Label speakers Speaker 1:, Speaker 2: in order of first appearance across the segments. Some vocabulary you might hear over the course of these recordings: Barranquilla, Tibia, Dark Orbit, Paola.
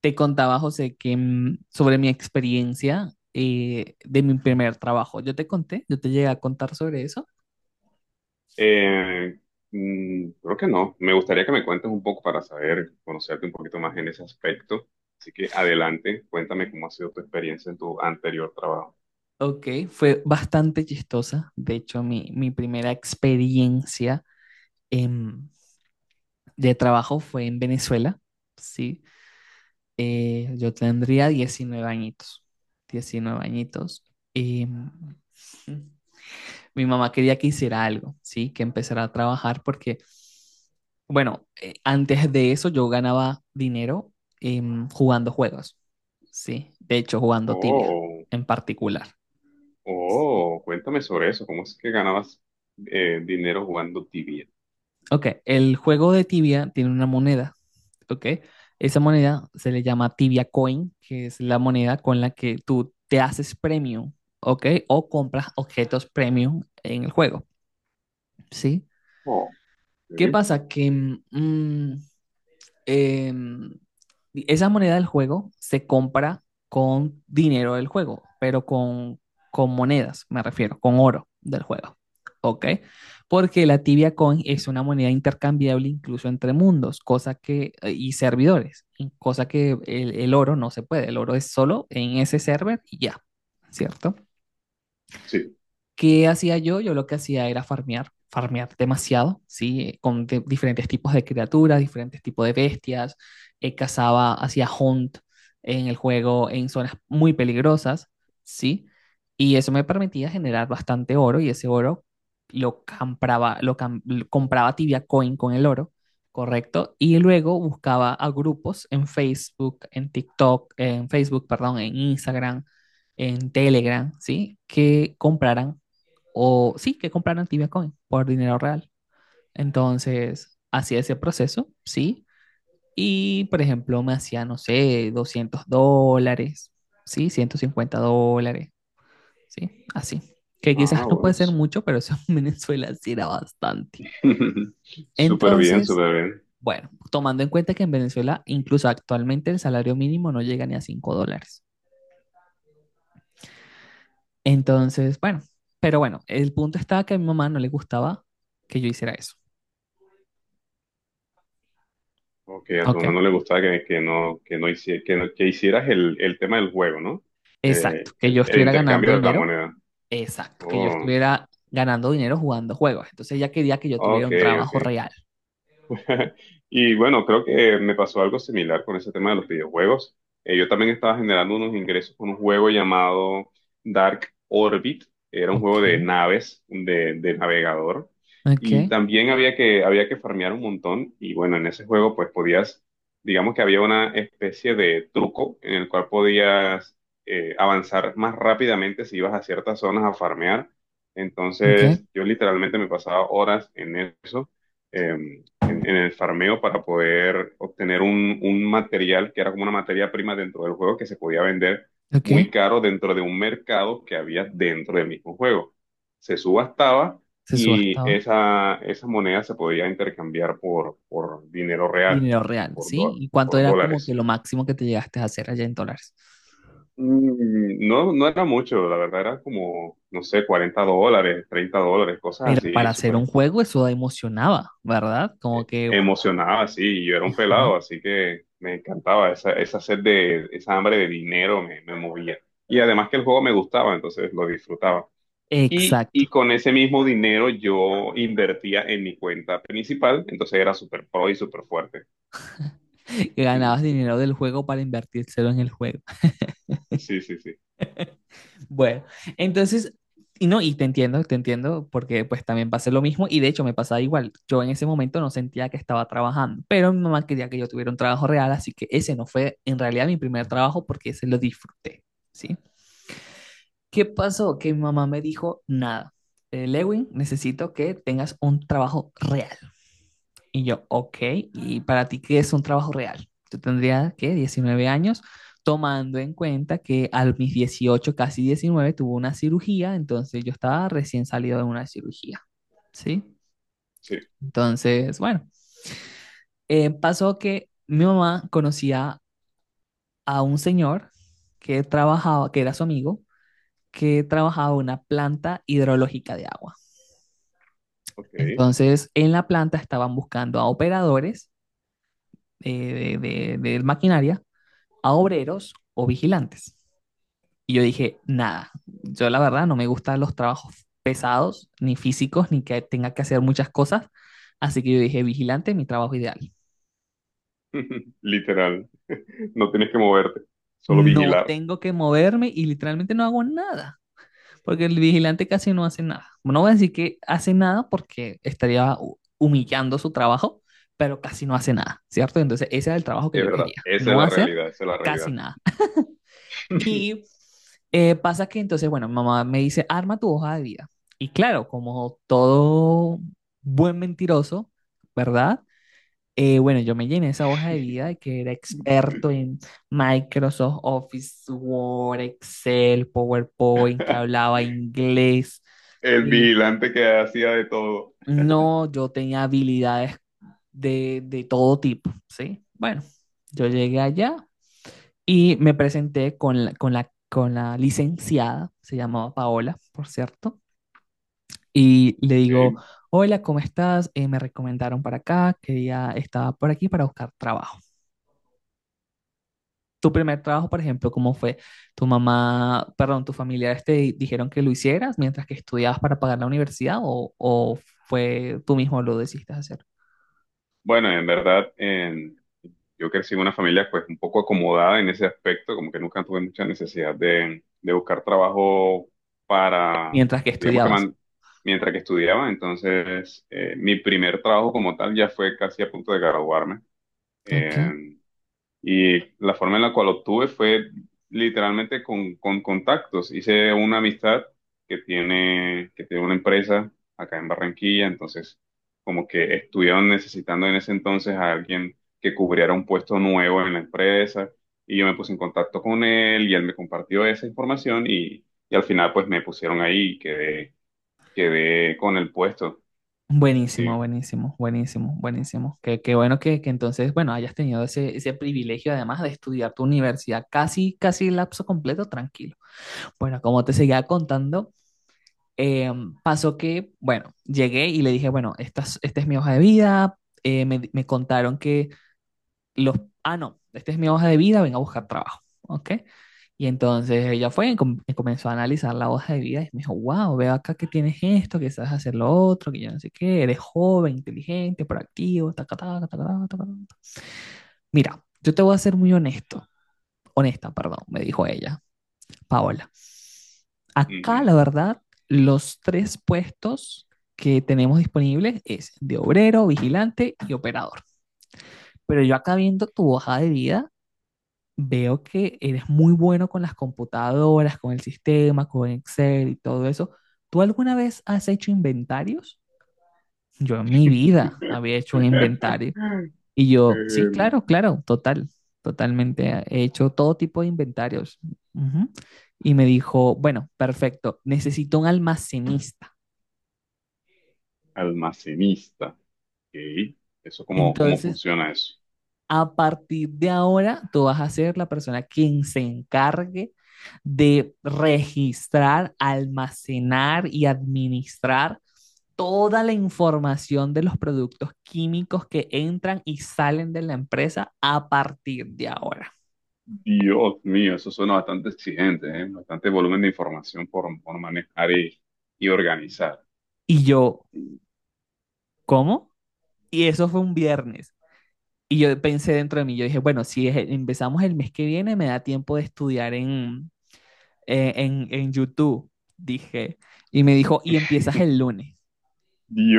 Speaker 1: Te contaba, José, que sobre mi experiencia de mi primer trabajo. Yo te llegué a contar sobre eso.
Speaker 2: Eh, Creo que no. Me gustaría que me cuentes un poco para saber, conocerte un poquito más en ese aspecto. Así que adelante, cuéntame cómo ha sido tu experiencia en tu anterior trabajo.
Speaker 1: Ok, fue bastante chistosa. De hecho, mi primera experiencia em, de trabajo fue en Venezuela. Sí. Yo tendría 19 añitos. 19 añitos. Em, Mi mamá quería que hiciera algo, ¿sí? Que empezara a trabajar porque, bueno, antes de eso yo ganaba dinero, jugando juegos, ¿sí? De hecho, jugando tibia
Speaker 2: Oh,
Speaker 1: en particular.
Speaker 2: oh, cuéntame sobre eso. ¿Cómo es que ganabas dinero jugando tibia?
Speaker 1: Ok, el juego de tibia tiene una moneda, ¿ok? Esa moneda se le llama tibia coin, que es la moneda con la que tú te haces premium, ¿ok? O compras objetos premium en el juego, ¿sí?
Speaker 2: Oh,
Speaker 1: ¿Qué
Speaker 2: sí.
Speaker 1: pasa? Mm, eh, Esa moneda del juego se compra con dinero del juego, pero con monedas, me refiero, con oro del juego. ¿Ok? Porque la Tibia Coin es una moneda intercambiable incluso entre mundos, cosa que, y servidores, cosa que el oro no se puede. El oro es solo en ese server y ya, ¿cierto?
Speaker 2: Sí.
Speaker 1: ¿Qué hacía yo? Yo lo que hacía era farmear, farmear demasiado, ¿sí? Con diferentes tipos de criaturas, diferentes tipos de bestias. Cazaba, hacía hunt en el juego en zonas muy peligrosas, ¿sí? Y eso me permitía generar bastante oro y ese oro lo compraba Tibia Coin con el oro, ¿correcto? Y luego buscaba a grupos en Facebook, en TikTok, en Facebook, perdón, en Instagram, en Telegram, ¿sí? Que compraran o sí, que compraron Tibia Coin por dinero real. Entonces, hacía ese proceso, sí, y por ejemplo, me hacía, no sé, $200, sí, $150, sí, así. Que
Speaker 2: Ah,
Speaker 1: quizás no
Speaker 2: bueno.
Speaker 1: puede ser mucho, pero eso en Venezuela sí era bastante.
Speaker 2: Súper bien,
Speaker 1: Entonces,
Speaker 2: súper bien.
Speaker 1: bueno, tomando en cuenta que en Venezuela, incluso actualmente, el salario mínimo no llega ni a $5. Entonces, bueno, pero bueno, el punto estaba que a mi mamá no le gustaba que yo hiciera eso,
Speaker 2: Ok, a tu
Speaker 1: ¿ok?
Speaker 2: mamá no le gustaba que no, hici- que no- que hicieras el tema del juego, ¿no?
Speaker 1: Exacto, que
Speaker 2: El,
Speaker 1: yo
Speaker 2: el
Speaker 1: estuviera ganando
Speaker 2: intercambio de la
Speaker 1: dinero.
Speaker 2: moneda.
Speaker 1: Exacto, que yo
Speaker 2: Oh.
Speaker 1: estuviera ganando dinero jugando juegos. Entonces ella quería que yo tuviera
Speaker 2: Ok,
Speaker 1: un
Speaker 2: ok.
Speaker 1: trabajo real.
Speaker 2: Y bueno, creo que me pasó algo similar con ese tema de los videojuegos. Yo también estaba generando unos ingresos con un juego llamado Dark Orbit. Era un juego
Speaker 1: Ok,
Speaker 2: de naves, de navegador.
Speaker 1: ok,
Speaker 2: Y también había que farmear un montón. Y bueno, en ese juego pues digamos que había una especie de truco en el cual podías avanzar más rápidamente si ibas a ciertas zonas a farmear.
Speaker 1: ok,
Speaker 2: Entonces yo literalmente me pasaba horas en eso. Em, en el farmeo para poder obtener un material que era como una materia prima dentro del juego que se podía vender
Speaker 1: ok.
Speaker 2: muy caro dentro de un mercado que había dentro del mismo juego. Se subastaba
Speaker 1: Se
Speaker 2: y
Speaker 1: subastaba.
Speaker 2: esa moneda se podía intercambiar por dinero real,
Speaker 1: Dinero real, ¿sí? ¿Y cuánto
Speaker 2: por
Speaker 1: era como que
Speaker 2: dólares.
Speaker 1: lo máximo que te llegaste a hacer allá en dólares?
Speaker 2: No, no era mucho, la verdad era como, no sé, $40, $30, cosas
Speaker 1: Pero
Speaker 2: así,
Speaker 1: para hacer un
Speaker 2: súper
Speaker 1: juego eso emocionaba, ¿verdad? Como que...
Speaker 2: emocionaba así, y yo era un
Speaker 1: Ajá.
Speaker 2: pelado, así que me encantaba esa sed de, esa hambre de dinero me movía. Y además que el juego me gustaba, entonces lo disfrutaba. Y
Speaker 1: Exacto.
Speaker 2: con ese mismo dinero yo invertía en mi cuenta principal, entonces era súper pro y súper fuerte.
Speaker 1: Que
Speaker 2: Ujú.
Speaker 1: ganabas dinero del juego para invertírselo en el juego.
Speaker 2: Sí, sí, sí,
Speaker 1: Bueno, entonces, y no, y te entiendo, porque pues también pasé lo mismo y de hecho me pasaba igual. Yo en ese momento no sentía que estaba trabajando, pero mi mamá quería que yo tuviera un trabajo real, así que ese no fue en realidad mi primer trabajo porque ese lo disfruté, ¿sí? ¿Qué pasó? Que mi mamá me dijo, nada, Lewin, necesito que tengas un trabajo real. Y yo, ok, ¿y para ti qué es un trabajo real? Yo tendría, ¿qué? 19 años, tomando en cuenta que a mis 18 casi 19 tuvo una cirugía, entonces yo estaba recién salido de una cirugía, ¿sí?
Speaker 2: sí,
Speaker 1: Entonces, bueno, pasó que mi mamá conocía a un señor que trabajaba, que era su amigo, que trabajaba en una planta hidrológica de agua.
Speaker 2: ok.
Speaker 1: Entonces, en la planta estaban buscando a operadores, de maquinaria, a obreros o vigilantes. Y yo dije, nada, yo la verdad no me gustan los trabajos pesados, ni físicos, ni que tenga que hacer muchas cosas. Así que yo dije, vigilante, mi trabajo ideal.
Speaker 2: Literal, no tienes que moverte, solo
Speaker 1: No
Speaker 2: vigilar.
Speaker 1: tengo que moverme y literalmente no hago nada, porque el vigilante casi no hace nada. No voy a decir que hace nada porque estaría humillando su trabajo, pero casi no hace nada, ¿cierto? Entonces ese era el trabajo que
Speaker 2: Es
Speaker 1: yo
Speaker 2: verdad,
Speaker 1: quería,
Speaker 2: esa es
Speaker 1: no
Speaker 2: la
Speaker 1: hacer
Speaker 2: realidad, esa es la
Speaker 1: casi
Speaker 2: realidad.
Speaker 1: nada. Y pasa que entonces, bueno, mi mamá me dice, arma tu hoja de vida. Y claro, como todo buen mentiroso, ¿verdad? Bueno, yo me llené esa hoja de vida de que era experto en Microsoft Office, Word, Excel, PowerPoint, que hablaba inglés,
Speaker 2: El
Speaker 1: que
Speaker 2: vigilante que hacía de todo.
Speaker 1: no, yo tenía habilidades de todo tipo, ¿sí? Bueno, yo llegué allá y me presenté con la licenciada, se llamaba Paola, por cierto, y le digo,
Speaker 2: Ok,
Speaker 1: hola, ¿cómo estás? Me recomendaron para acá, quería, estaba por aquí para buscar trabajo. Tu primer trabajo, por ejemplo, ¿cómo fue? ¿Tu mamá, perdón, tus familiares te dijeron que lo hicieras mientras que estudiabas para pagar la universidad, o fue tú mismo lo decidiste hacer
Speaker 2: bueno, en verdad, yo crecí en una familia pues un poco acomodada en ese aspecto, como que nunca tuve mucha necesidad de buscar trabajo para,
Speaker 1: mientras que
Speaker 2: digamos que
Speaker 1: estudiabas?
Speaker 2: man- mientras que estudiaba, entonces mi primer trabajo como tal ya fue casi a punto de graduarme.
Speaker 1: Ok.
Speaker 2: eh, y la forma en la cual obtuve fue literalmente con contactos. Hice una amistad que tiene una empresa acá en Barranquilla, entonces como que estuvieron necesitando en ese entonces a alguien que cubriera un puesto nuevo en la empresa y yo me puse en contacto con él y él me compartió esa información y al final pues me pusieron ahí y quedé con el puesto.
Speaker 1: Buenísimo,
Speaker 2: Sí.
Speaker 1: buenísimo, buenísimo, buenísimo. Qué bueno que entonces, bueno, hayas tenido ese privilegio además de estudiar tu universidad casi, casi lapso completo, tranquilo. Bueno, como te seguía contando, eh, pasó que, bueno, llegué y le dije, bueno, esta es, mi hoja de vida. Me contaron que los, ah, no, esta es mi hoja de vida, ven a buscar trabajo, ¿ok? Y entonces ella fue y y comenzó a analizar la hoja de vida y me dijo, wow, veo acá que tienes esto, que sabes hacer lo otro, que yo no sé qué, eres joven, inteligente, proactivo, taca, taca, taca, taca, taca, taca". Mira, yo te voy a ser muy honesto, honesta, perdón, me dijo ella, Paola. Acá,
Speaker 2: Ujú.
Speaker 1: la verdad, los tres puestos que tenemos disponibles es de obrero, vigilante y operador. Pero yo acá viendo tu hoja de vida, veo que eres muy bueno con las computadoras, con el sistema, con Excel y todo eso. ¿Tú alguna vez has hecho inventarios? Yo en mi vida había hecho un inventario. Y yo, sí,
Speaker 2: Eh,
Speaker 1: claro, claro, total, totalmente. He hecho todo tipo de inventarios. Ujú. Y me dijo, bueno, perfecto, necesito un almacenista.
Speaker 2: Almacenista. Ok. ¿Eso cómo
Speaker 1: Entonces,
Speaker 2: funciona eso?
Speaker 1: a partir de ahora, tú vas a ser la persona quien se encargue de registrar, almacenar y administrar toda la información de los productos químicos que entran y salen de la empresa a partir de ahora.
Speaker 2: Dios mío, eso suena bastante exigente, ¿eh? Bastante volumen de información por manejar y organizar.
Speaker 1: Y yo,
Speaker 2: Mm.
Speaker 1: ¿cómo? Y eso fue un viernes. Y yo pensé dentro de mí, yo dije, bueno, si empezamos el mes que viene, me da tiempo de estudiar en YouTube, dije. Y me dijo, y empiezas el lunes.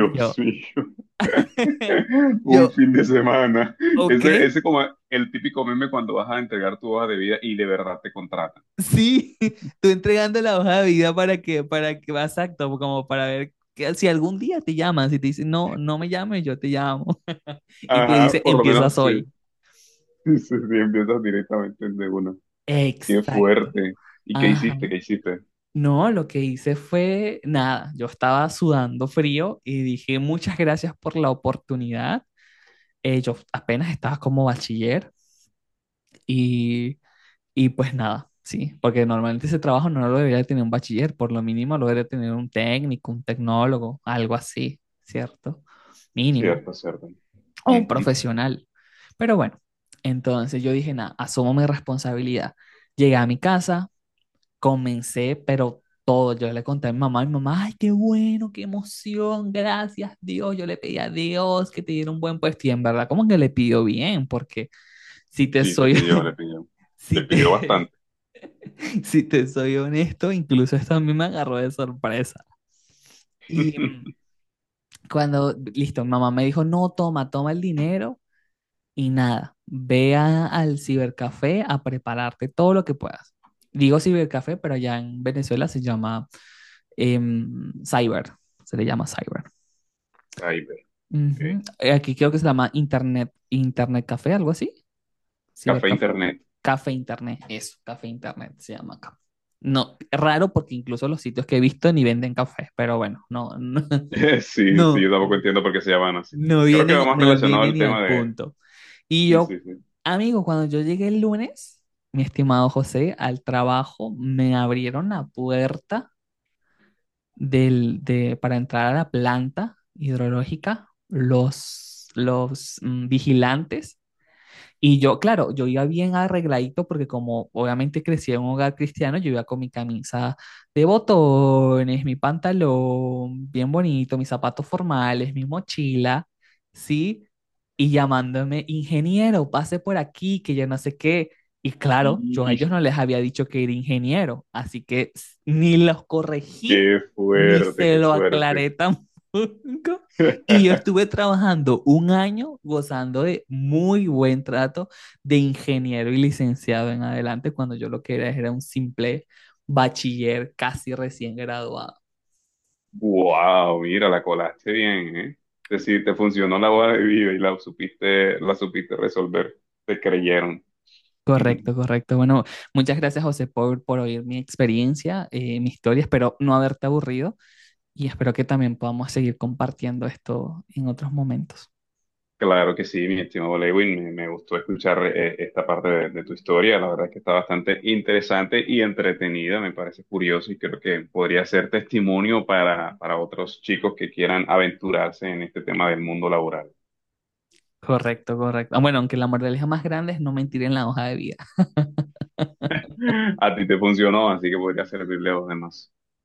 Speaker 1: Y yo,
Speaker 2: mío. Un
Speaker 1: yo,
Speaker 2: fin de semana.
Speaker 1: ok,
Speaker 2: Ese como el típico meme cuando vas a entregar tu hoja de vida y de verdad te contratan.
Speaker 1: sí, tú entregando la hoja de vida para que, exacto, como para ver que si algún día te llaman, si te dicen, no, no me llames, yo te llamo. Y te
Speaker 2: Ajá,
Speaker 1: dice,
Speaker 2: por lo
Speaker 1: empiezas
Speaker 2: menos sí.
Speaker 1: hoy.
Speaker 2: Sí, sí, sí, empiezas directamente de uno. Qué
Speaker 1: Exacto.
Speaker 2: fuerte. ¿Y qué
Speaker 1: Ajá.
Speaker 2: hiciste? ¿Qué hiciste?
Speaker 1: No, lo que hice fue nada. Yo estaba sudando frío y dije muchas gracias por la oportunidad. Yo apenas estaba como bachiller y Y pues nada, sí, porque normalmente ese trabajo no lo debería tener un bachiller, por lo mínimo lo debería tener un técnico, un tecnólogo, algo así, ¿cierto? Mínimo,
Speaker 2: Cierto, cierto.
Speaker 1: o un
Speaker 2: Ujú.
Speaker 1: profesional. Pero bueno, entonces yo dije, nada, asumo mi responsabilidad. Llegué a mi casa, comencé, pero todo, yo le conté a mi mamá, ay, qué bueno, qué emoción, gracias Dios, yo le pedí a Dios que te diera un buen puesto y en verdad como que le pidió bien, porque si te
Speaker 2: Sí, le
Speaker 1: soy,
Speaker 2: pidió, le pidió.
Speaker 1: si
Speaker 2: Le pidió
Speaker 1: te,
Speaker 2: bastante.
Speaker 1: si te soy honesto, incluso esto a mí me agarró de sorpresa. Y cuando, listo, mamá me dijo, no, toma, toma el dinero y nada, al cibercafé a prepararte todo lo que puedas. Digo cibercafé, pero allá en Venezuela se llama cyber, se le llama cyber.
Speaker 2: Cyber, ok.
Speaker 1: Ujú. Aquí creo que se llama internet, internet café, algo así.
Speaker 2: Café
Speaker 1: Cibercafé.
Speaker 2: Internet.
Speaker 1: Café Internet, eso, Café Internet se llama acá. No, raro porque incluso los sitios que he visto ni venden cafés, pero bueno, no,
Speaker 2: Sí, sí,
Speaker 1: no, no,
Speaker 2: yo tampoco entiendo por qué se llaman así.
Speaker 1: no
Speaker 2: Creo que va
Speaker 1: vienen,
Speaker 2: más
Speaker 1: no
Speaker 2: relacionado
Speaker 1: vienen
Speaker 2: al
Speaker 1: ni
Speaker 2: tema
Speaker 1: al
Speaker 2: de...
Speaker 1: punto. Y
Speaker 2: Sí, sí,
Speaker 1: yo, amigo, cuando yo llegué el lunes, mi estimado José, al trabajo me abrieron la puerta para entrar a la planta hidrológica los vigilantes, y yo, claro, yo iba bien arregladito porque como obviamente crecí en un hogar cristiano, yo iba con mi camisa de botones, mi pantalón bien bonito, mis zapatos formales, mi mochila, ¿sí? Y llamándome, ingeniero, pase por aquí, que yo no sé qué. Y claro, yo a
Speaker 2: sí.
Speaker 1: ellos no les había dicho que era ingeniero, así que ni los corregí,
Speaker 2: Qué
Speaker 1: ni
Speaker 2: fuerte,
Speaker 1: se
Speaker 2: qué
Speaker 1: lo
Speaker 2: fuerte.
Speaker 1: aclaré tampoco. Y yo estuve trabajando un año gozando de muy buen trato de ingeniero y licenciado en adelante, cuando yo lo que era era un simple bachiller casi recién graduado.
Speaker 2: Wow, mira, la colaste bien, ¿eh? Es decir, te funcionó la boda de vida y la supiste resolver. Te creyeron.
Speaker 1: Correcto, correcto. Bueno, muchas gracias José por oír mi experiencia, mi historia. Espero no haberte aburrido y espero que también podamos seguir compartiendo esto en otros momentos.
Speaker 2: Claro que sí, mi estimado Lewin, me gustó escuchar esta parte de tu historia. La verdad que está bastante interesante y entretenida, me parece curioso y creo que podría ser testimonio para otros chicos que quieran aventurarse en este tema del mundo laboral.
Speaker 1: Correcto, correcto. Ah, bueno, aunque la moraleja más grande es no mentir en la hoja de vida.
Speaker 2: A ti te funcionó, así que podría servirle a los demás.